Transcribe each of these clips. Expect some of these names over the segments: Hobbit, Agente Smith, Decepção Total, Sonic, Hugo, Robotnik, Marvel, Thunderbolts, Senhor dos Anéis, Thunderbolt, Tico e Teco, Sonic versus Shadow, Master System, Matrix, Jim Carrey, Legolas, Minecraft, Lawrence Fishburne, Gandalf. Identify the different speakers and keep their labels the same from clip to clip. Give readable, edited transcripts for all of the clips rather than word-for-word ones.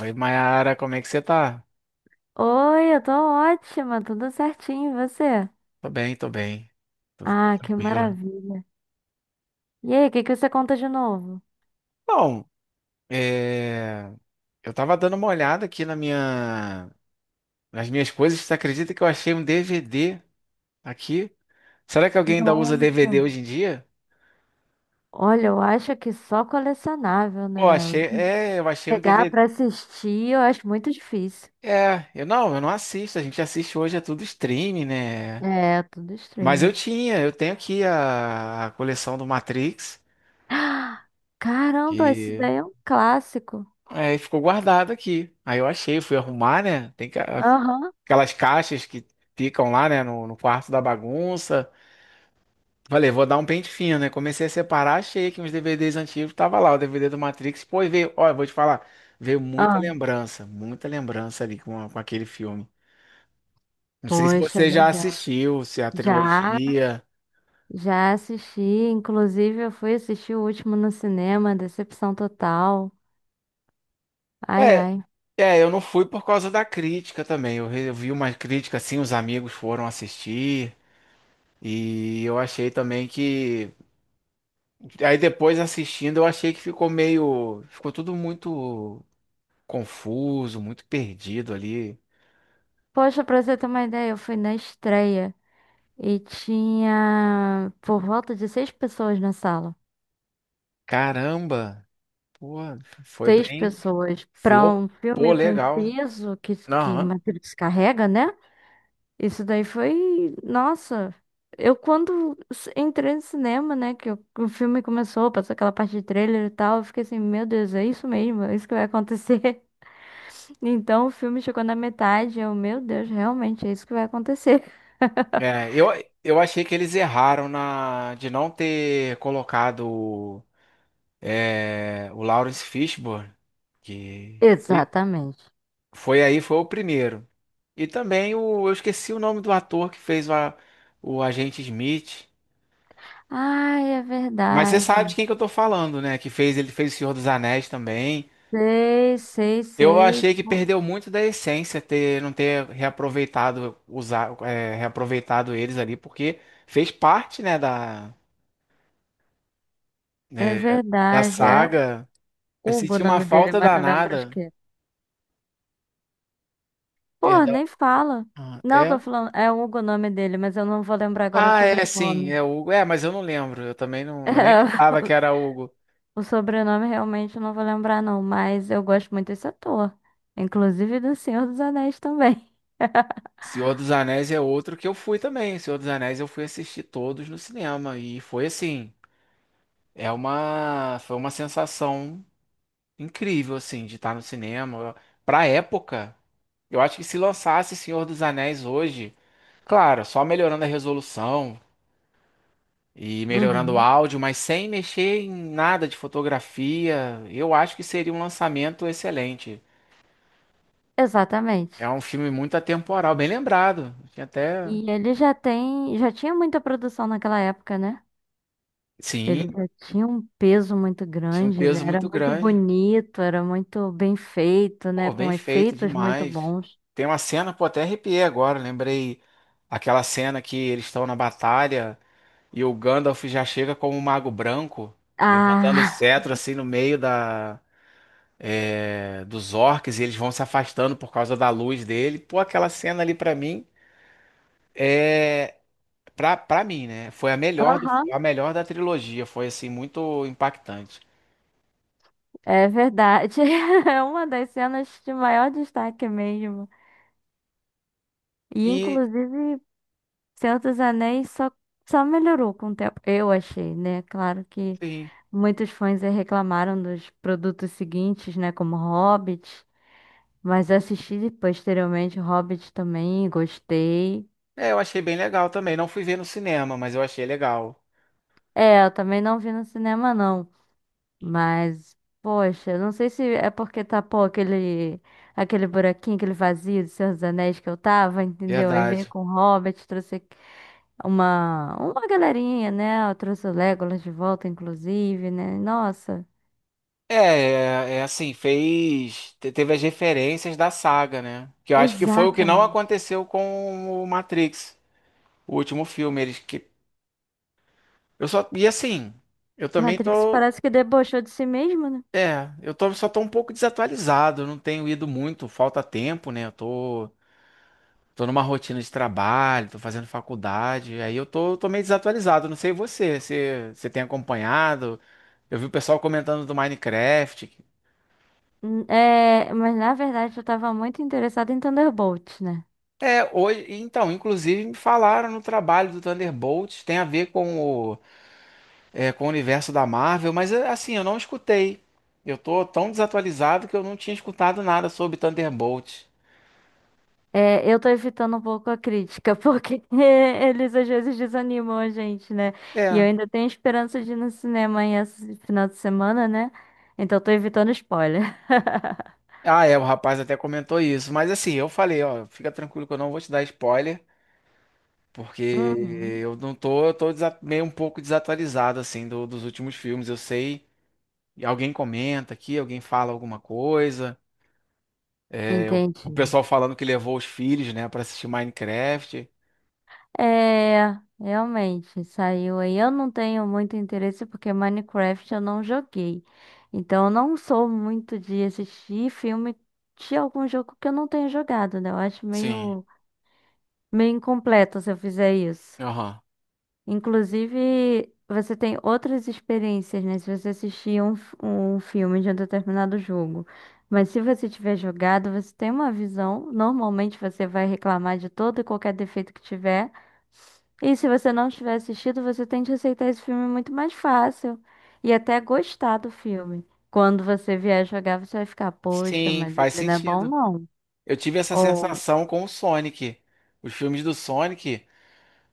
Speaker 1: Oi, Mayara, como é que você tá?
Speaker 2: Oi, eu tô ótima, tudo certinho, e você?
Speaker 1: Tô bem, tô bem. Tô
Speaker 2: Ah, que
Speaker 1: tranquilo.
Speaker 2: maravilha. E aí, o que que você conta de novo?
Speaker 1: Bom, é, eu tava dando uma olhada aqui na nas minhas coisas. Você acredita que eu achei um DVD aqui? Será que alguém ainda usa
Speaker 2: Nossa.
Speaker 1: DVD hoje em dia?
Speaker 2: Olha, eu acho que só colecionável,
Speaker 1: Pô,
Speaker 2: né?
Speaker 1: achei. É, eu achei um
Speaker 2: Pegar
Speaker 1: DVD.
Speaker 2: pra assistir, eu acho muito difícil.
Speaker 1: É, eu não assisto. A gente assiste hoje, é tudo streaming, né?
Speaker 2: É, tudo
Speaker 1: Mas
Speaker 2: streaming.
Speaker 1: eu tenho aqui a coleção do Matrix,
Speaker 2: Ah, caramba, isso
Speaker 1: que
Speaker 2: daí é um clássico.
Speaker 1: ficou guardada aqui. Aí eu achei, fui arrumar, né? Tem que.
Speaker 2: Aham.
Speaker 1: Aquelas caixas que ficam lá, né, no quarto da bagunça. Falei, vou dar um pente fino, né? Comecei a separar, achei que uns DVDs antigos tava lá, o DVD do Matrix. Pô, e veio, olha, vou te falar, veio
Speaker 2: Ah,
Speaker 1: muita lembrança ali com, com aquele filme. Não sei se
Speaker 2: poxa,
Speaker 1: você já
Speaker 2: legal.
Speaker 1: assistiu, se é a
Speaker 2: Já,
Speaker 1: trilogia.
Speaker 2: já assisti, inclusive eu fui assistir o último no cinema, Decepção Total. Ai,
Speaker 1: É,
Speaker 2: ai.
Speaker 1: eu não fui por causa da crítica também. Eu vi uma crítica assim, os amigos foram assistir. E eu achei também que. Aí depois assistindo, eu achei que ficou meio. Ficou tudo muito. Confuso, muito perdido ali.
Speaker 2: Poxa, pra você ter uma ideia, eu fui na estreia e tinha por volta de seis pessoas na sala.
Speaker 1: Caramba, pô, foi
Speaker 2: Seis
Speaker 1: bem,
Speaker 2: pessoas pra um
Speaker 1: flopou
Speaker 2: filme com o
Speaker 1: legal.
Speaker 2: peso que
Speaker 1: Aham.
Speaker 2: Matrix carrega, né? Isso daí foi. Nossa! Eu, quando entrei no cinema, né, que o filme começou, passou aquela parte de trailer e tal, eu fiquei assim: meu Deus, é isso mesmo, é isso que vai acontecer. Então o filme chegou na metade, eu, meu Deus, realmente é isso que vai acontecer.
Speaker 1: É, eu, eu achei que eles erraram na de não ter colocado o Lawrence Fishburne, que e-
Speaker 2: Exatamente.
Speaker 1: foi aí, foi o primeiro. E também eu esqueci o nome do ator que fez o Agente Smith.
Speaker 2: Ai, é
Speaker 1: Mas você sabe de
Speaker 2: verdade.
Speaker 1: quem que eu tô falando, né? Que fez, ele fez O Senhor dos Anéis também.
Speaker 2: Sei, sei,
Speaker 1: Eu
Speaker 2: sei.
Speaker 1: achei que
Speaker 2: Pô,
Speaker 1: perdeu muito da essência ter não ter reaproveitado usar reaproveitado eles ali porque fez parte né da
Speaker 2: é
Speaker 1: é, da
Speaker 2: verdade. É
Speaker 1: saga. Eu
Speaker 2: Hugo o
Speaker 1: senti uma
Speaker 2: nome dele,
Speaker 1: falta
Speaker 2: mas não lembro de
Speaker 1: danada.
Speaker 2: quê. Pô,
Speaker 1: Perdão.
Speaker 2: nem fala.
Speaker 1: Ah,
Speaker 2: Não, tô
Speaker 1: é?
Speaker 2: falando. É Hugo o nome dele, mas eu não vou lembrar agora o
Speaker 1: Ah, é sim,
Speaker 2: sobrenome.
Speaker 1: é Hugo. É, mas eu não lembro. Eu também não eu nem lembrava que era Hugo.
Speaker 2: É, o sobrenome realmente eu não vou lembrar, não. Mas eu gosto muito desse ator. Inclusive do Senhor dos Anéis também.
Speaker 1: Senhor dos Anéis é outro que eu fui também. Senhor dos Anéis eu fui assistir todos no cinema e foi assim, é uma foi uma sensação incrível, assim, de estar no cinema. Pra época, eu acho que se lançasse Senhor dos Anéis hoje, claro, só melhorando a resolução e melhorando o
Speaker 2: Uhum.
Speaker 1: áudio, mas sem mexer em nada de fotografia, eu acho que seria um lançamento excelente. É
Speaker 2: Exatamente.
Speaker 1: um filme muito atemporal, bem lembrado. Tinha até.
Speaker 2: E ele já tem. Já tinha muita produção naquela época, né?
Speaker 1: Sim,
Speaker 2: Ele já tinha um peso muito
Speaker 1: tinha um
Speaker 2: grande, ele
Speaker 1: peso
Speaker 2: era
Speaker 1: muito
Speaker 2: muito
Speaker 1: grande.
Speaker 2: bonito, era muito bem feito, né?
Speaker 1: Pô,
Speaker 2: Com
Speaker 1: bem feito
Speaker 2: efeitos muito
Speaker 1: demais.
Speaker 2: bons.
Speaker 1: Tem uma cena, pô, até arrepiei agora, lembrei aquela cena que eles estão na batalha. E o Gandalf já chega como um mago branco, levantando o
Speaker 2: Ah,
Speaker 1: cetro assim no meio dos orcs e eles vão se afastando por causa da luz dele. Pô, aquela cena ali pra mim é pra, pra mim, né? Foi a
Speaker 2: aham,
Speaker 1: a melhor da trilogia, foi assim muito impactante.
Speaker 2: é verdade. É uma das cenas de maior destaque mesmo. E,
Speaker 1: E
Speaker 2: inclusive, Senhor dos Anéis só melhorou com o tempo, eu achei, né? Claro que
Speaker 1: sim,
Speaker 2: muitos fãs aí reclamaram dos produtos seguintes, né? Como Hobbit, mas assisti posteriormente Hobbit também, gostei.
Speaker 1: eu achei bem legal também. Não fui ver no cinema, mas eu achei legal.
Speaker 2: É, eu também não vi no cinema, não. Mas, poxa, não sei se é porque tapou aquele, aquele buraquinho, aquele vazio do Senhor dos Anéis que eu tava, entendeu? Aí veio
Speaker 1: Verdade.
Speaker 2: com o Hobbit, trouxe uma galerinha, né? Eu trouxe o Legolas de volta, inclusive, né? Nossa,
Speaker 1: É assim, fez. Teve as referências da saga, né? Que eu acho que foi o que não
Speaker 2: exatamente.
Speaker 1: aconteceu com o Matrix, o último filme. Eles que. Eu só. E assim, eu também
Speaker 2: Matrix
Speaker 1: tô.
Speaker 2: parece que debochou de si mesmo, né?
Speaker 1: Só tô um pouco desatualizado, eu não tenho ido muito, falta tempo, né? Tô numa rotina de trabalho, tô fazendo faculdade, aí tô meio desatualizado, não sei você tem acompanhado? Eu vi o pessoal comentando do Minecraft.
Speaker 2: É, mas na verdade eu tava muito interessada em Thunderbolt, né?
Speaker 1: É, hoje, então, inclusive me falaram no trabalho do Thunderbolts, tem a ver com com o universo da Marvel, mas é, assim, eu não escutei. Eu tô tão desatualizado que eu não tinha escutado nada sobre Thunderbolts.
Speaker 2: É, eu tô evitando um pouco a crítica, porque eles às vezes desanimam a gente, né? E eu
Speaker 1: É.
Speaker 2: ainda tenho esperança de ir no cinema aí esse final de semana, né? Então eu tô evitando spoiler.
Speaker 1: Ah, é, o rapaz até comentou isso, mas assim, eu falei, ó, fica tranquilo que eu não vou te dar spoiler, porque
Speaker 2: Uhum.
Speaker 1: eu não tô, eu tô meio um pouco desatualizado, assim, dos últimos filmes. Eu sei, alguém comenta aqui, alguém fala alguma coisa.
Speaker 2: Entendi.
Speaker 1: O pessoal falando que levou os filhos, né, pra assistir Minecraft.
Speaker 2: É, realmente, saiu aí. Eu não tenho muito interesse porque Minecraft eu não joguei. Então eu não sou muito de assistir filme de algum jogo que eu não tenho jogado, né? Eu acho
Speaker 1: Sim.
Speaker 2: meio incompleto se eu fizer isso.
Speaker 1: Aham.
Speaker 2: Inclusive, você tem outras experiências, né? Se você assistir um filme de um determinado jogo. Mas se você tiver jogado, você tem uma visão. Normalmente você vai reclamar de todo e qualquer defeito que tiver. E se você não tiver assistido, você tende a aceitar esse filme muito mais fácil. E até gostar do filme. Quando você vier jogar, você vai ficar, poxa,
Speaker 1: Sim,
Speaker 2: mas
Speaker 1: faz
Speaker 2: ele não é bom,
Speaker 1: sentido.
Speaker 2: não.
Speaker 1: Eu tive essa
Speaker 2: Ou,
Speaker 1: sensação com o Sonic. Os filmes do Sonic,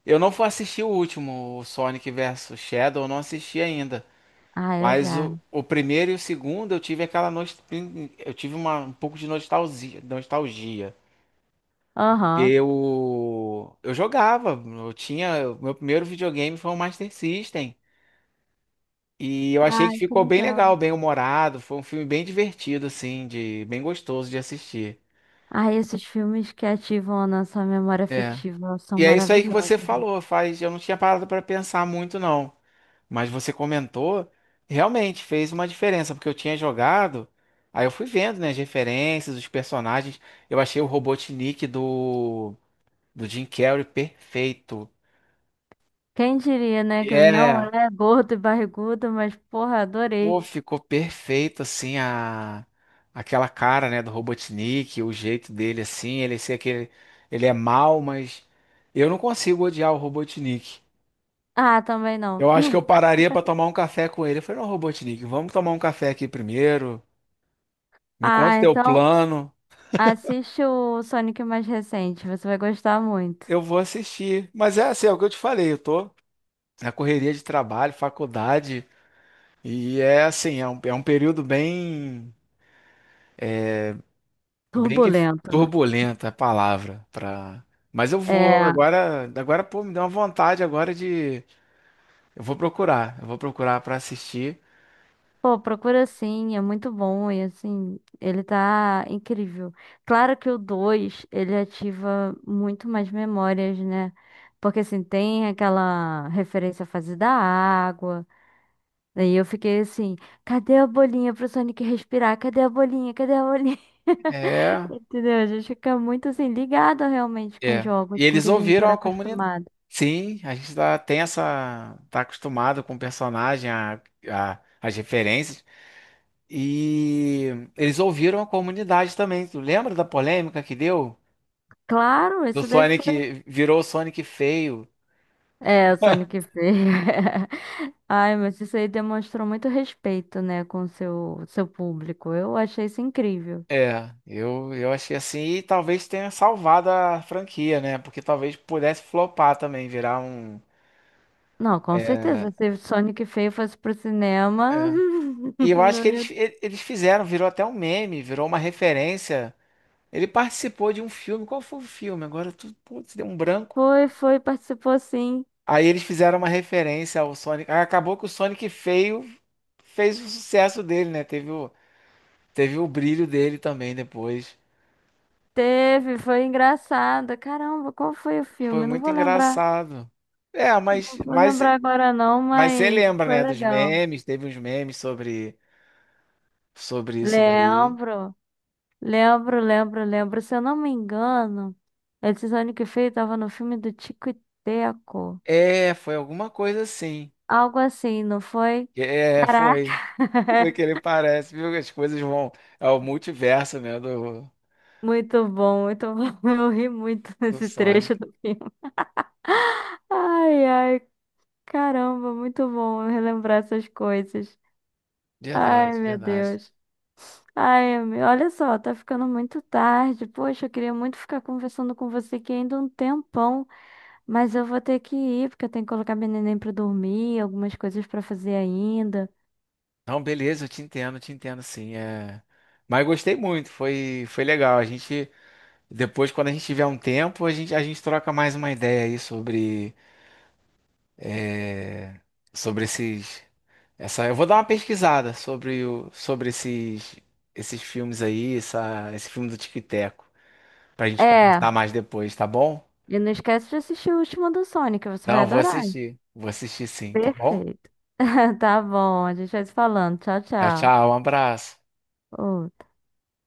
Speaker 1: eu não fui assistir o último, o Sonic versus Shadow, eu não assisti ainda.
Speaker 2: ah, eu
Speaker 1: Mas
Speaker 2: já.
Speaker 1: o primeiro e o segundo eu tive eu tive um pouco de nostalgia.
Speaker 2: Aham.
Speaker 1: Eu jogava, eu tinha, o meu primeiro videogame foi o Master System. E eu achei
Speaker 2: Ai,
Speaker 1: que
Speaker 2: que
Speaker 1: ficou bem
Speaker 2: legal.
Speaker 1: legal, bem humorado. Foi um filme bem divertido, assim, de bem gostoso de assistir.
Speaker 2: Ah, esses filmes que ativam a nossa memória
Speaker 1: É.
Speaker 2: afetiva são
Speaker 1: E é isso aí que
Speaker 2: maravilhosos.
Speaker 1: você falou, faz. Eu não tinha parado para pensar muito, não. Mas você comentou, realmente fez uma diferença, porque eu tinha jogado, aí eu fui vendo, né, as referências, os personagens. Eu achei o Robotnik do Jim Carrey perfeito.
Speaker 2: Quem diria, né, que ele não
Speaker 1: É,
Speaker 2: é gordo e barrigudo, mas porra,
Speaker 1: pô,
Speaker 2: adorei.
Speaker 1: ficou perfeito, aquela cara, né, do Robotnik, o jeito dele, assim, ele ser aquele... Ele é mau, mas eu não consigo odiar o Robotnik.
Speaker 2: Ah, também não.
Speaker 1: Eu acho que eu pararia pra tomar um café com ele. Eu falei, não, Robotnik, vamos tomar um café aqui primeiro, me conta
Speaker 2: Ah,
Speaker 1: o teu
Speaker 2: então
Speaker 1: plano,
Speaker 2: assiste o Sonic mais recente, você vai gostar muito.
Speaker 1: eu vou assistir. Mas é assim, é o que eu te falei, eu tô na correria de trabalho, faculdade, e é assim, é um período bem...
Speaker 2: Turbulento, né?
Speaker 1: turbulenta a palavra para. Mas eu vou
Speaker 2: É.
Speaker 1: agora, agora pô, me deu uma vontade agora de, eu vou procurar para assistir.
Speaker 2: Pô, procura sim, é muito bom e assim, ele tá incrível. Claro que o 2 ele ativa muito mais memórias, né? Porque assim, tem aquela referência à fase da água. Daí eu fiquei assim, cadê a bolinha pro Sonic respirar? Cadê a bolinha? Cadê a bolinha?
Speaker 1: É,
Speaker 2: Entendeu? A gente fica muito assim, ligado realmente com
Speaker 1: E
Speaker 2: jogos, com o
Speaker 1: eles
Speaker 2: que a gente
Speaker 1: ouviram
Speaker 2: era
Speaker 1: a comunidade.
Speaker 2: acostumado.
Speaker 1: Sim, a gente tá, tá acostumado com o personagem, as referências. E eles ouviram a comunidade também. Tu lembra da polêmica que deu?
Speaker 2: Claro,
Speaker 1: Do
Speaker 2: isso daí
Speaker 1: Sonic
Speaker 2: foi.
Speaker 1: virou o Sonic feio.
Speaker 2: É, o Sonic Feio. Ai, mas isso aí demonstrou muito respeito, né, com o seu público. Eu achei isso incrível.
Speaker 1: Eu achei assim, e talvez tenha salvado a franquia, né? Porque talvez pudesse flopar também, virar um.
Speaker 2: Não, com certeza. Se o Sonic Feio fosse pro cinema,
Speaker 1: É. E eu acho que
Speaker 2: não ia...
Speaker 1: eles fizeram, virou até um meme, virou uma referência. Ele participou de um filme, qual foi o filme? Agora tu, putz, deu um branco.
Speaker 2: Foi, foi, participou sim.
Speaker 1: Aí eles fizeram uma referência ao Sonic. Aí acabou que o Sonic feio fez o sucesso dele, né? Teve o brilho dele também depois.
Speaker 2: Teve, foi engraçado. Caramba, qual foi o
Speaker 1: Foi
Speaker 2: filme? Eu não
Speaker 1: muito
Speaker 2: vou lembrar.
Speaker 1: engraçado. É, mas,
Speaker 2: Não vou
Speaker 1: mas
Speaker 2: lembrar agora não,
Speaker 1: Mas você
Speaker 2: mas
Speaker 1: lembra,
Speaker 2: foi
Speaker 1: né, dos
Speaker 2: legal.
Speaker 1: memes? Teve uns memes sobre isso daí.
Speaker 2: Lembro. Lembro, lembro, lembro. Se eu não me engano, esse Sonic feio tava no filme do Tico e Teco.
Speaker 1: É, foi alguma coisa assim.
Speaker 2: Algo assim, não foi?
Speaker 1: É,
Speaker 2: Caraca!
Speaker 1: foi. Foi que ele parece, viu? As coisas vão. É o multiverso,
Speaker 2: Muito bom, muito bom. Eu ri muito
Speaker 1: do
Speaker 2: nesse trecho
Speaker 1: Sonic.
Speaker 2: do filme. Ai, ai, caramba, muito bom eu relembrar essas coisas.
Speaker 1: Verdade,
Speaker 2: Ai, meu
Speaker 1: verdade.
Speaker 2: Deus. Ai, olha só, tá ficando muito tarde. Poxa, eu queria muito ficar conversando com você aqui ainda um tempão. Mas eu vou ter que ir, porque eu tenho que colocar meu neném pra dormir, algumas coisas pra fazer ainda.
Speaker 1: Não, beleza, eu te entendo, sim. É... Mas gostei muito, foi legal. Depois, quando a gente tiver um tempo, a gente troca mais uma ideia aí sobre. é, sobre esses. Eu vou dar uma pesquisada sobre esses filmes aí, esse filme do Tico e Teco, pra gente
Speaker 2: É,
Speaker 1: conversar mais depois, tá bom?
Speaker 2: e não esquece de assistir o último do Sonic, você vai
Speaker 1: Não, vou
Speaker 2: adorar.
Speaker 1: assistir. Vou assistir sim, tá bom?
Speaker 2: Perfeito. Tá bom, a gente vai se falando. Tchau,
Speaker 1: Tchau,
Speaker 2: tchau.
Speaker 1: tchau, um abraço.
Speaker 2: Ô,